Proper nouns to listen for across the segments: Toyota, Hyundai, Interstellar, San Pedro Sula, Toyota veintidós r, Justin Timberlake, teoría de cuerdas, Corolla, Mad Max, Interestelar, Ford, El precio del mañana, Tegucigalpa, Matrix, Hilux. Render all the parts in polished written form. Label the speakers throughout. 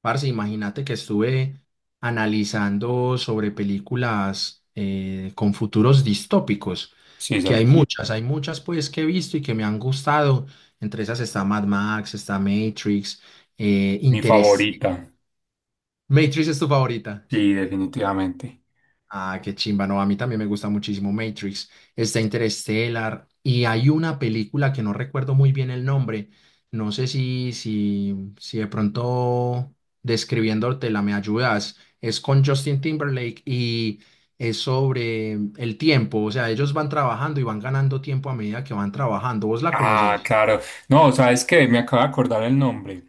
Speaker 1: Parce, imagínate que estuve analizando sobre películas con futuros distópicos,
Speaker 2: Sí, esa
Speaker 1: que hay
Speaker 2: es
Speaker 1: Ujú. Muchas, hay muchas pues que he visto y que me han gustado. Entre esas está Mad Max, está Matrix,
Speaker 2: mi
Speaker 1: Interés.
Speaker 2: favorita.
Speaker 1: ¿Matrix es tu favorita?
Speaker 2: Sí, definitivamente.
Speaker 1: Ah, qué chimba, no, a mí también me gusta muchísimo Matrix, está Interstellar y hay una película que no recuerdo muy bien el nombre, no sé si de pronto describiéndotela me ayudas, es con Justin Timberlake y es sobre el tiempo, o sea, ellos van trabajando y van ganando tiempo a medida que van trabajando, ¿vos la
Speaker 2: Ah,
Speaker 1: conoces?
Speaker 2: claro. No, ¿sabes qué? Me acabo de acordar el nombre.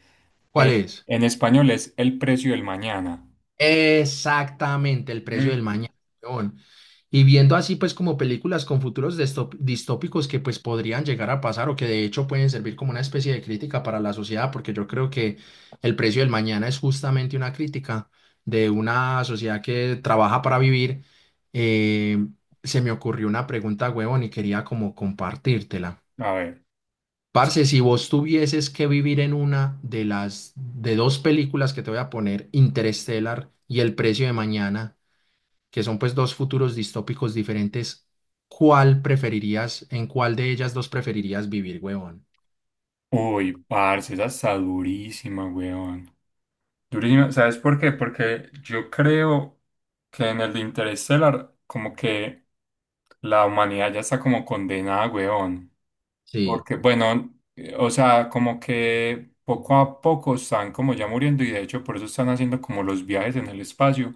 Speaker 1: ¿Cuál
Speaker 2: Eh,
Speaker 1: es?
Speaker 2: en español es El precio del mañana.
Speaker 1: Exactamente, el precio del
Speaker 2: Ujú.
Speaker 1: mañana. Weón. Y viendo así pues como películas con futuros distópicos que pues podrían llegar a pasar o que de hecho pueden servir como una especie de crítica para la sociedad, porque yo creo que el precio del mañana es justamente una crítica de una sociedad que trabaja para vivir. eh, Se me ocurrió una pregunta, huevón, y quería como compartírtela.
Speaker 2: A ver.
Speaker 1: Parce, si vos tuvieses que vivir en una de las de dos películas que te voy a poner, Interstellar y El precio de mañana, que son pues dos futuros distópicos diferentes, ¿cuál preferirías, en cuál de ellas dos preferirías vivir, huevón?
Speaker 2: Uy, parce, esa está durísima, weón. Durísima. ¿Sabes por qué? Porque yo creo que en el de Interestelar, como que la humanidad ya está como condenada, weón.
Speaker 1: Sí,
Speaker 2: Porque, bueno, o sea, como que poco a poco están como ya muriendo y de hecho por eso están haciendo como los viajes en el espacio,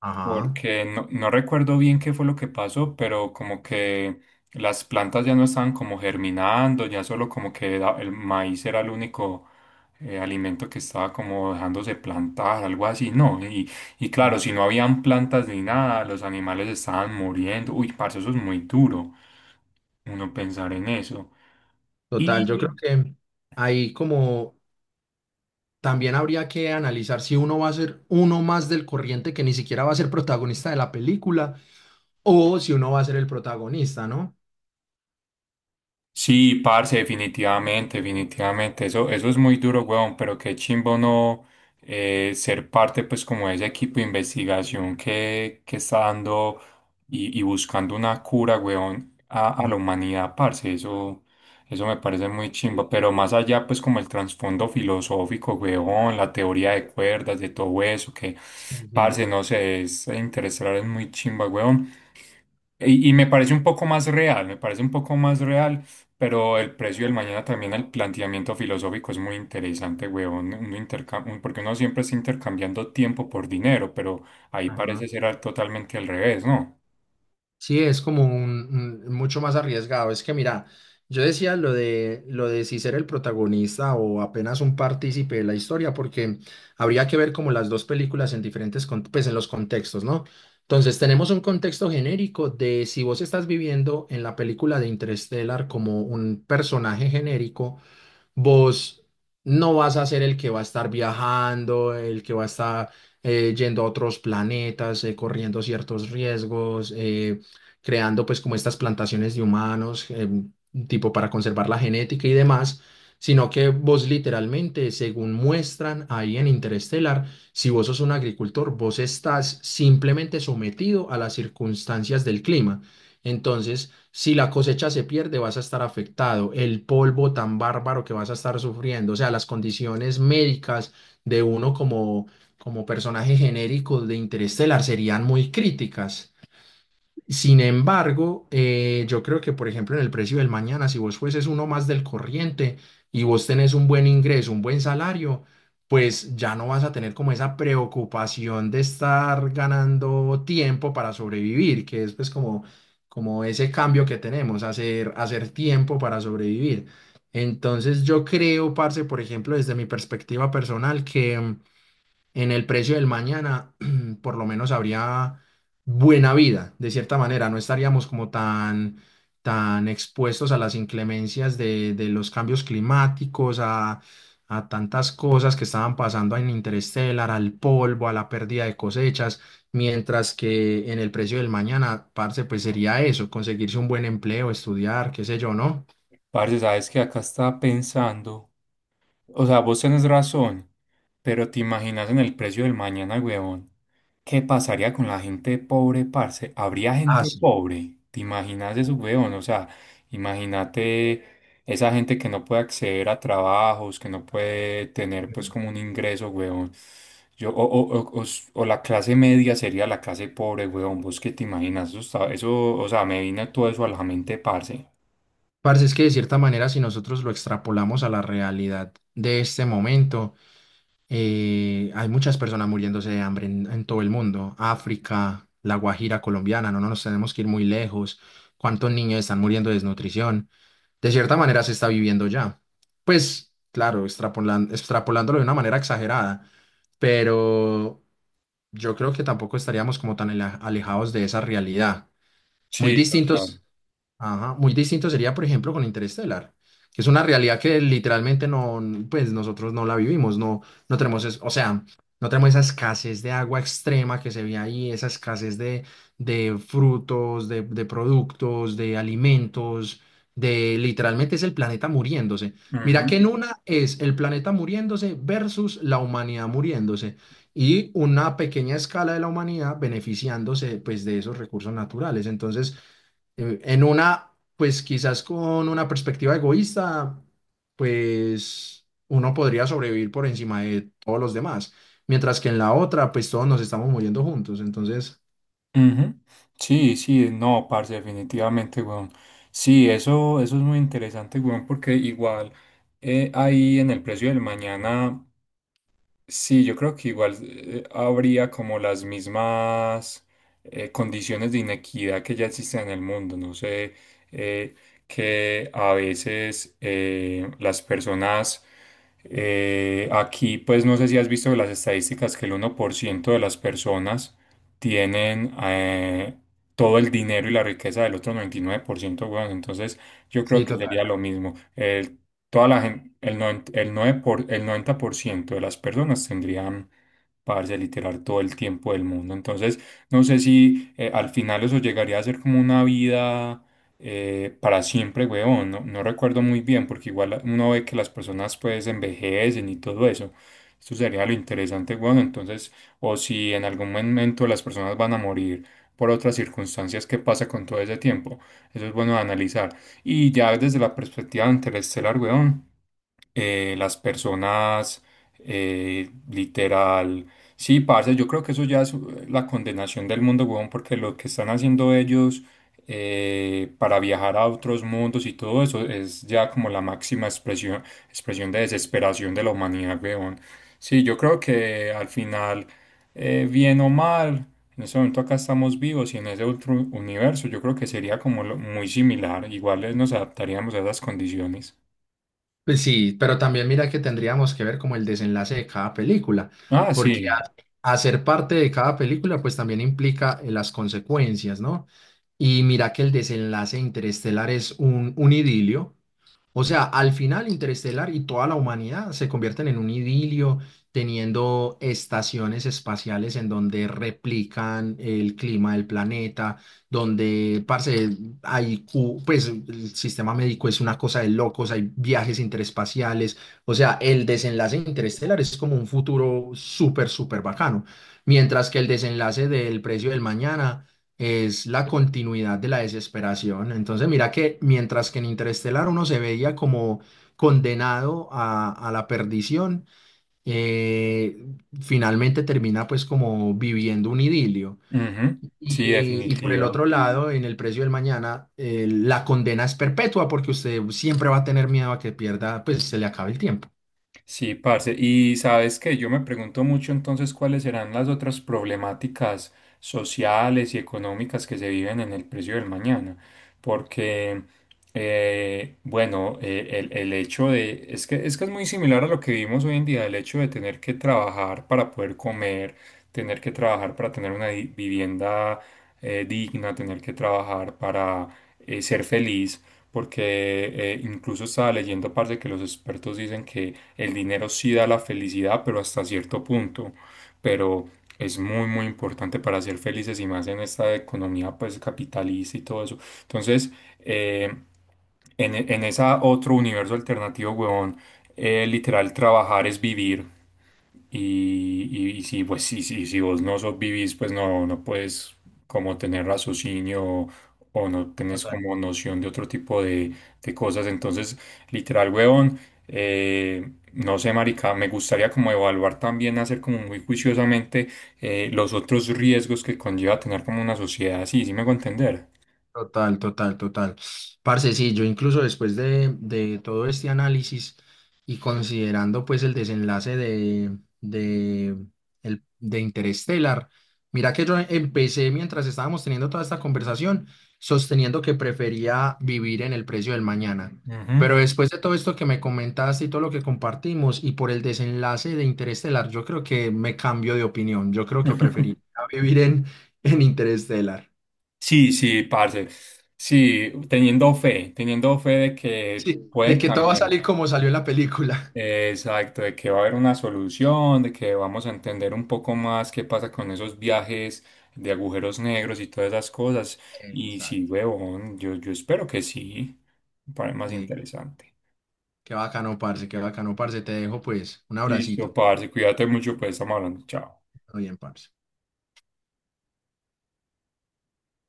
Speaker 1: ajá.
Speaker 2: porque no recuerdo bien qué fue lo que pasó, pero como que las plantas ya no estaban como germinando, ya solo como que el maíz era el único alimento que estaba como dejándose plantar, algo así, ¿no? Y claro, si no habían plantas ni nada, los animales estaban muriendo. Uy, parce, eso es muy duro, uno pensar en eso.
Speaker 1: Total, yo creo
Speaker 2: Y
Speaker 1: que ahí como también habría que analizar si uno va a ser uno más del corriente que ni siquiera va a ser protagonista de la película o si uno va a ser el protagonista, ¿no?
Speaker 2: sí, parce, definitivamente, definitivamente. Eso es muy duro, weón, pero qué chimbo no ser parte, pues, como de ese equipo de investigación que está dando y buscando una cura, weón, a la
Speaker 1: Ah,
Speaker 2: humanidad, parce. Eso me parece muy chimbo. Pero más allá, pues, como el trasfondo filosófico, weón, la teoría de cuerdas, de todo eso, que,
Speaker 1: sí, sí.
Speaker 2: parce, no sé, es interesar, es muy chimba, weón. Y me parece un poco más real, me parece un poco más real, pero el precio del mañana también al planteamiento filosófico es muy interesante, weón, porque uno siempre está intercambiando tiempo por dinero, pero ahí
Speaker 1: Ajá.
Speaker 2: parece ser totalmente al revés, ¿no?
Speaker 1: Sí, es como mucho más arriesgado. Es que mira, yo decía lo de si ser el protagonista o apenas un partícipe de la historia, porque habría que ver como las dos películas en diferentes pues en los contextos, ¿no? Entonces tenemos un contexto genérico de si vos estás viviendo en la película de Interstellar como un personaje genérico, vos no vas a ser el que va a estar viajando, el que va a estar yendo a otros planetas, corriendo ciertos riesgos, creando pues como estas plantaciones de humanos, tipo para conservar la genética y demás, sino que vos literalmente, según muestran ahí en Interestelar, si vos sos un agricultor, vos estás simplemente sometido a las circunstancias del clima. Entonces, si la cosecha se pierde, vas a estar afectado. El polvo tan bárbaro que vas a estar sufriendo, o sea, las condiciones médicas de uno como, como personaje genérico de Interestelar serían muy críticas. Sin embargo, yo creo que, por ejemplo, en el precio del mañana, si vos fueses uno más del corriente y vos tenés un buen ingreso, un buen salario, pues ya no vas a tener como esa preocupación de estar ganando tiempo para sobrevivir, que es pues como, como ese cambio que tenemos, hacer, hacer tiempo para sobrevivir. Entonces yo creo, parce, por ejemplo, desde mi perspectiva personal, que en el precio del mañana, por lo menos habría buena vida, de cierta manera. No estaríamos como tan, tan expuestos a las inclemencias de los cambios climáticos, a tantas cosas que estaban pasando en Interstellar, al polvo, a la pérdida de cosechas, mientras que en el precio del mañana, parce, pues sería eso, conseguirse un buen empleo, estudiar, qué sé yo, ¿no?
Speaker 2: Parce, sabes que acá estaba pensando. O sea, vos tenés razón, pero te imaginas en el precio del mañana, huevón. ¿Qué pasaría con la gente pobre, parce? ¿Habría
Speaker 1: Ah,
Speaker 2: gente
Speaker 1: sí.
Speaker 2: pobre? ¿Te imaginas eso, huevón? O sea, imagínate esa gente que no puede acceder a trabajos, que no puede tener pues como un ingreso, huevón. Yo, o s- o la clase media sería la clase pobre, huevón. ¿Vos qué te imaginas? Eso, o sea, me vino todo eso a la mente, parce.
Speaker 1: Parce, es que de cierta manera, si nosotros lo extrapolamos a la realidad de este momento, hay muchas personas muriéndose de hambre en todo el mundo. África, La Guajira colombiana, no, no nos tenemos que ir muy lejos. ¿Cuántos niños están muriendo de desnutrición? De cierta manera se está viviendo ya. Pues claro, extrapolándolo de una manera exagerada, pero yo creo que tampoco estaríamos como tan alejados de esa realidad. Muy
Speaker 2: Sí, total.
Speaker 1: distintos. Ajá, muy distinto sería, por ejemplo, con Interestelar, que es una realidad que literalmente no, pues nosotros no la vivimos, no, no tenemos, o sea, no tenemos esa escasez de agua extrema que se ve ahí, esa escasez de frutos, de productos, de alimentos, de literalmente es el planeta muriéndose. Mira que en una es el planeta muriéndose versus la humanidad muriéndose y una pequeña escala de la humanidad beneficiándose, pues, de esos recursos naturales. Entonces, en una, pues quizás con una perspectiva egoísta, pues uno podría sobrevivir por encima de todos los demás, mientras que en la otra, pues todos nos estamos muriendo juntos. Entonces,
Speaker 2: Ujú. Sí, sí, no, parce, definitivamente, weón. Sí, eso es muy interesante, weón, porque igual ahí en el precio del mañana. Sí, yo creo que igual habría como las mismas condiciones de inequidad que ya existen en el mundo. No sé, eh, que a veces las personas aquí, pues no sé si has visto las estadísticas que el 1% de las personas tienen todo el dinero y la riqueza del otro 99%, weón. Entonces yo
Speaker 1: sí,
Speaker 2: creo que
Speaker 1: total.
Speaker 2: sería lo mismo. El Toda la gente, el, noven- el, nueve por, el 90% de las personas tendrían, parce, literal, todo el tiempo del mundo. Entonces, no sé si al final eso llegaría a ser como una vida para siempre, weón. No recuerdo muy bien, porque igual uno ve que las personas pues envejecen y todo eso. Esto sería lo interesante, weón. Entonces, o si en algún momento las personas van a morir por otras circunstancias, ¿qué pasa con todo ese tiempo? Eso es bueno de analizar. Y ya desde la perspectiva de Interestelar, weón, eh, las personas, literal. Sí, parce, yo creo que eso ya es la condenación del mundo, huevón, porque lo que están haciendo ellos para viajar a otros mundos y todo eso es ya como la máxima expresión de desesperación de la humanidad, huevón. Sí, yo creo que al final, bien o mal, en ese momento acá estamos vivos y en ese otro universo yo creo que sería como muy similar, igual nos adaptaríamos a esas condiciones.
Speaker 1: Pues sí, pero también mira que tendríamos que ver como el desenlace de cada película,
Speaker 2: Ah,
Speaker 1: porque
Speaker 2: sí.
Speaker 1: hacer parte de cada película, pues también implica las consecuencias, ¿no? Y mira que el desenlace Interestelar es un idilio. O sea, al final Interestelar y toda la humanidad se convierten en un idilio, teniendo estaciones espaciales en donde replican el clima del planeta, donde, parce, hay, pues el sistema médico es una cosa de locos, hay viajes interespaciales, o sea, el desenlace de interestelar es como un futuro súper, súper bacano, mientras que el desenlace del precio del mañana es la continuidad de la desesperación. Entonces, mira que mientras que en Interestelar uno se veía como condenado a la perdición, eh, finalmente termina pues como viviendo un idilio.
Speaker 2: Ujú. Sí,
Speaker 1: Y por el otro
Speaker 2: definitivo.
Speaker 1: lado, en el precio del mañana, la condena es perpetua porque usted siempre va a tener miedo a que pierda, pues se le acabe el tiempo.
Speaker 2: Sí, parce. Y sabes que yo me pregunto mucho entonces cuáles serán las otras problemáticas sociales y económicas que se viven en el precio del mañana. Porque, el hecho de, es que es muy similar a lo que vivimos hoy en día, el hecho de tener que trabajar para poder comer, tener que trabajar para tener una vivienda digna, tener que trabajar para ser feliz. Porque incluso estaba leyendo, parce, que los expertos dicen que el dinero sí da la felicidad, pero hasta cierto punto. Pero es muy, muy importante para ser felices y más en esta economía pues capitalista y todo eso. Entonces, eh, en esa otro universo alternativo, huevón, literal trabajar es vivir. Y si, pues, si vos no sos vivís, pues no puedes como tener raciocinio o no tenés como noción de otro tipo de cosas. Entonces, literal, huevón, eh, no sé, marica, me gustaría como evaluar también, hacer como muy juiciosamente los otros riesgos que conlleva tener como una sociedad así, ¿sí me hago entender?
Speaker 1: Total, total, total. Parce, sí, yo incluso después de todo este análisis y considerando pues el desenlace de, el, de Interstellar, mira que yo empecé mientras estábamos teniendo toda esta conversación sosteniendo que prefería vivir en el precio del mañana.
Speaker 2: Ujú.
Speaker 1: Pero después de todo esto que me comentaste y todo lo que compartimos y por el desenlace de Interestelar, yo creo que me cambio de opinión. Yo creo que preferiría vivir en Interestelar.
Speaker 2: Sí, sí, parce. Sí, teniendo fe de que
Speaker 1: Sí, de
Speaker 2: pueden
Speaker 1: que todo va a
Speaker 2: cambiar.
Speaker 1: salir como salió en la película.
Speaker 2: Exacto, de que va a haber una solución, de que vamos a entender un poco más qué pasa con esos viajes de agujeros negros y todas esas cosas. Y sí,
Speaker 1: Exacto.
Speaker 2: huevón, yo espero que sí, para más
Speaker 1: Eh,
Speaker 2: interesante.
Speaker 1: Qué bacano, parce, qué bacano, parce. Te dejo pues un
Speaker 2: Listo,
Speaker 1: abracito.
Speaker 2: parce, cuídate mucho, pues estamos hablando. Chao.
Speaker 1: Todo bien, parce.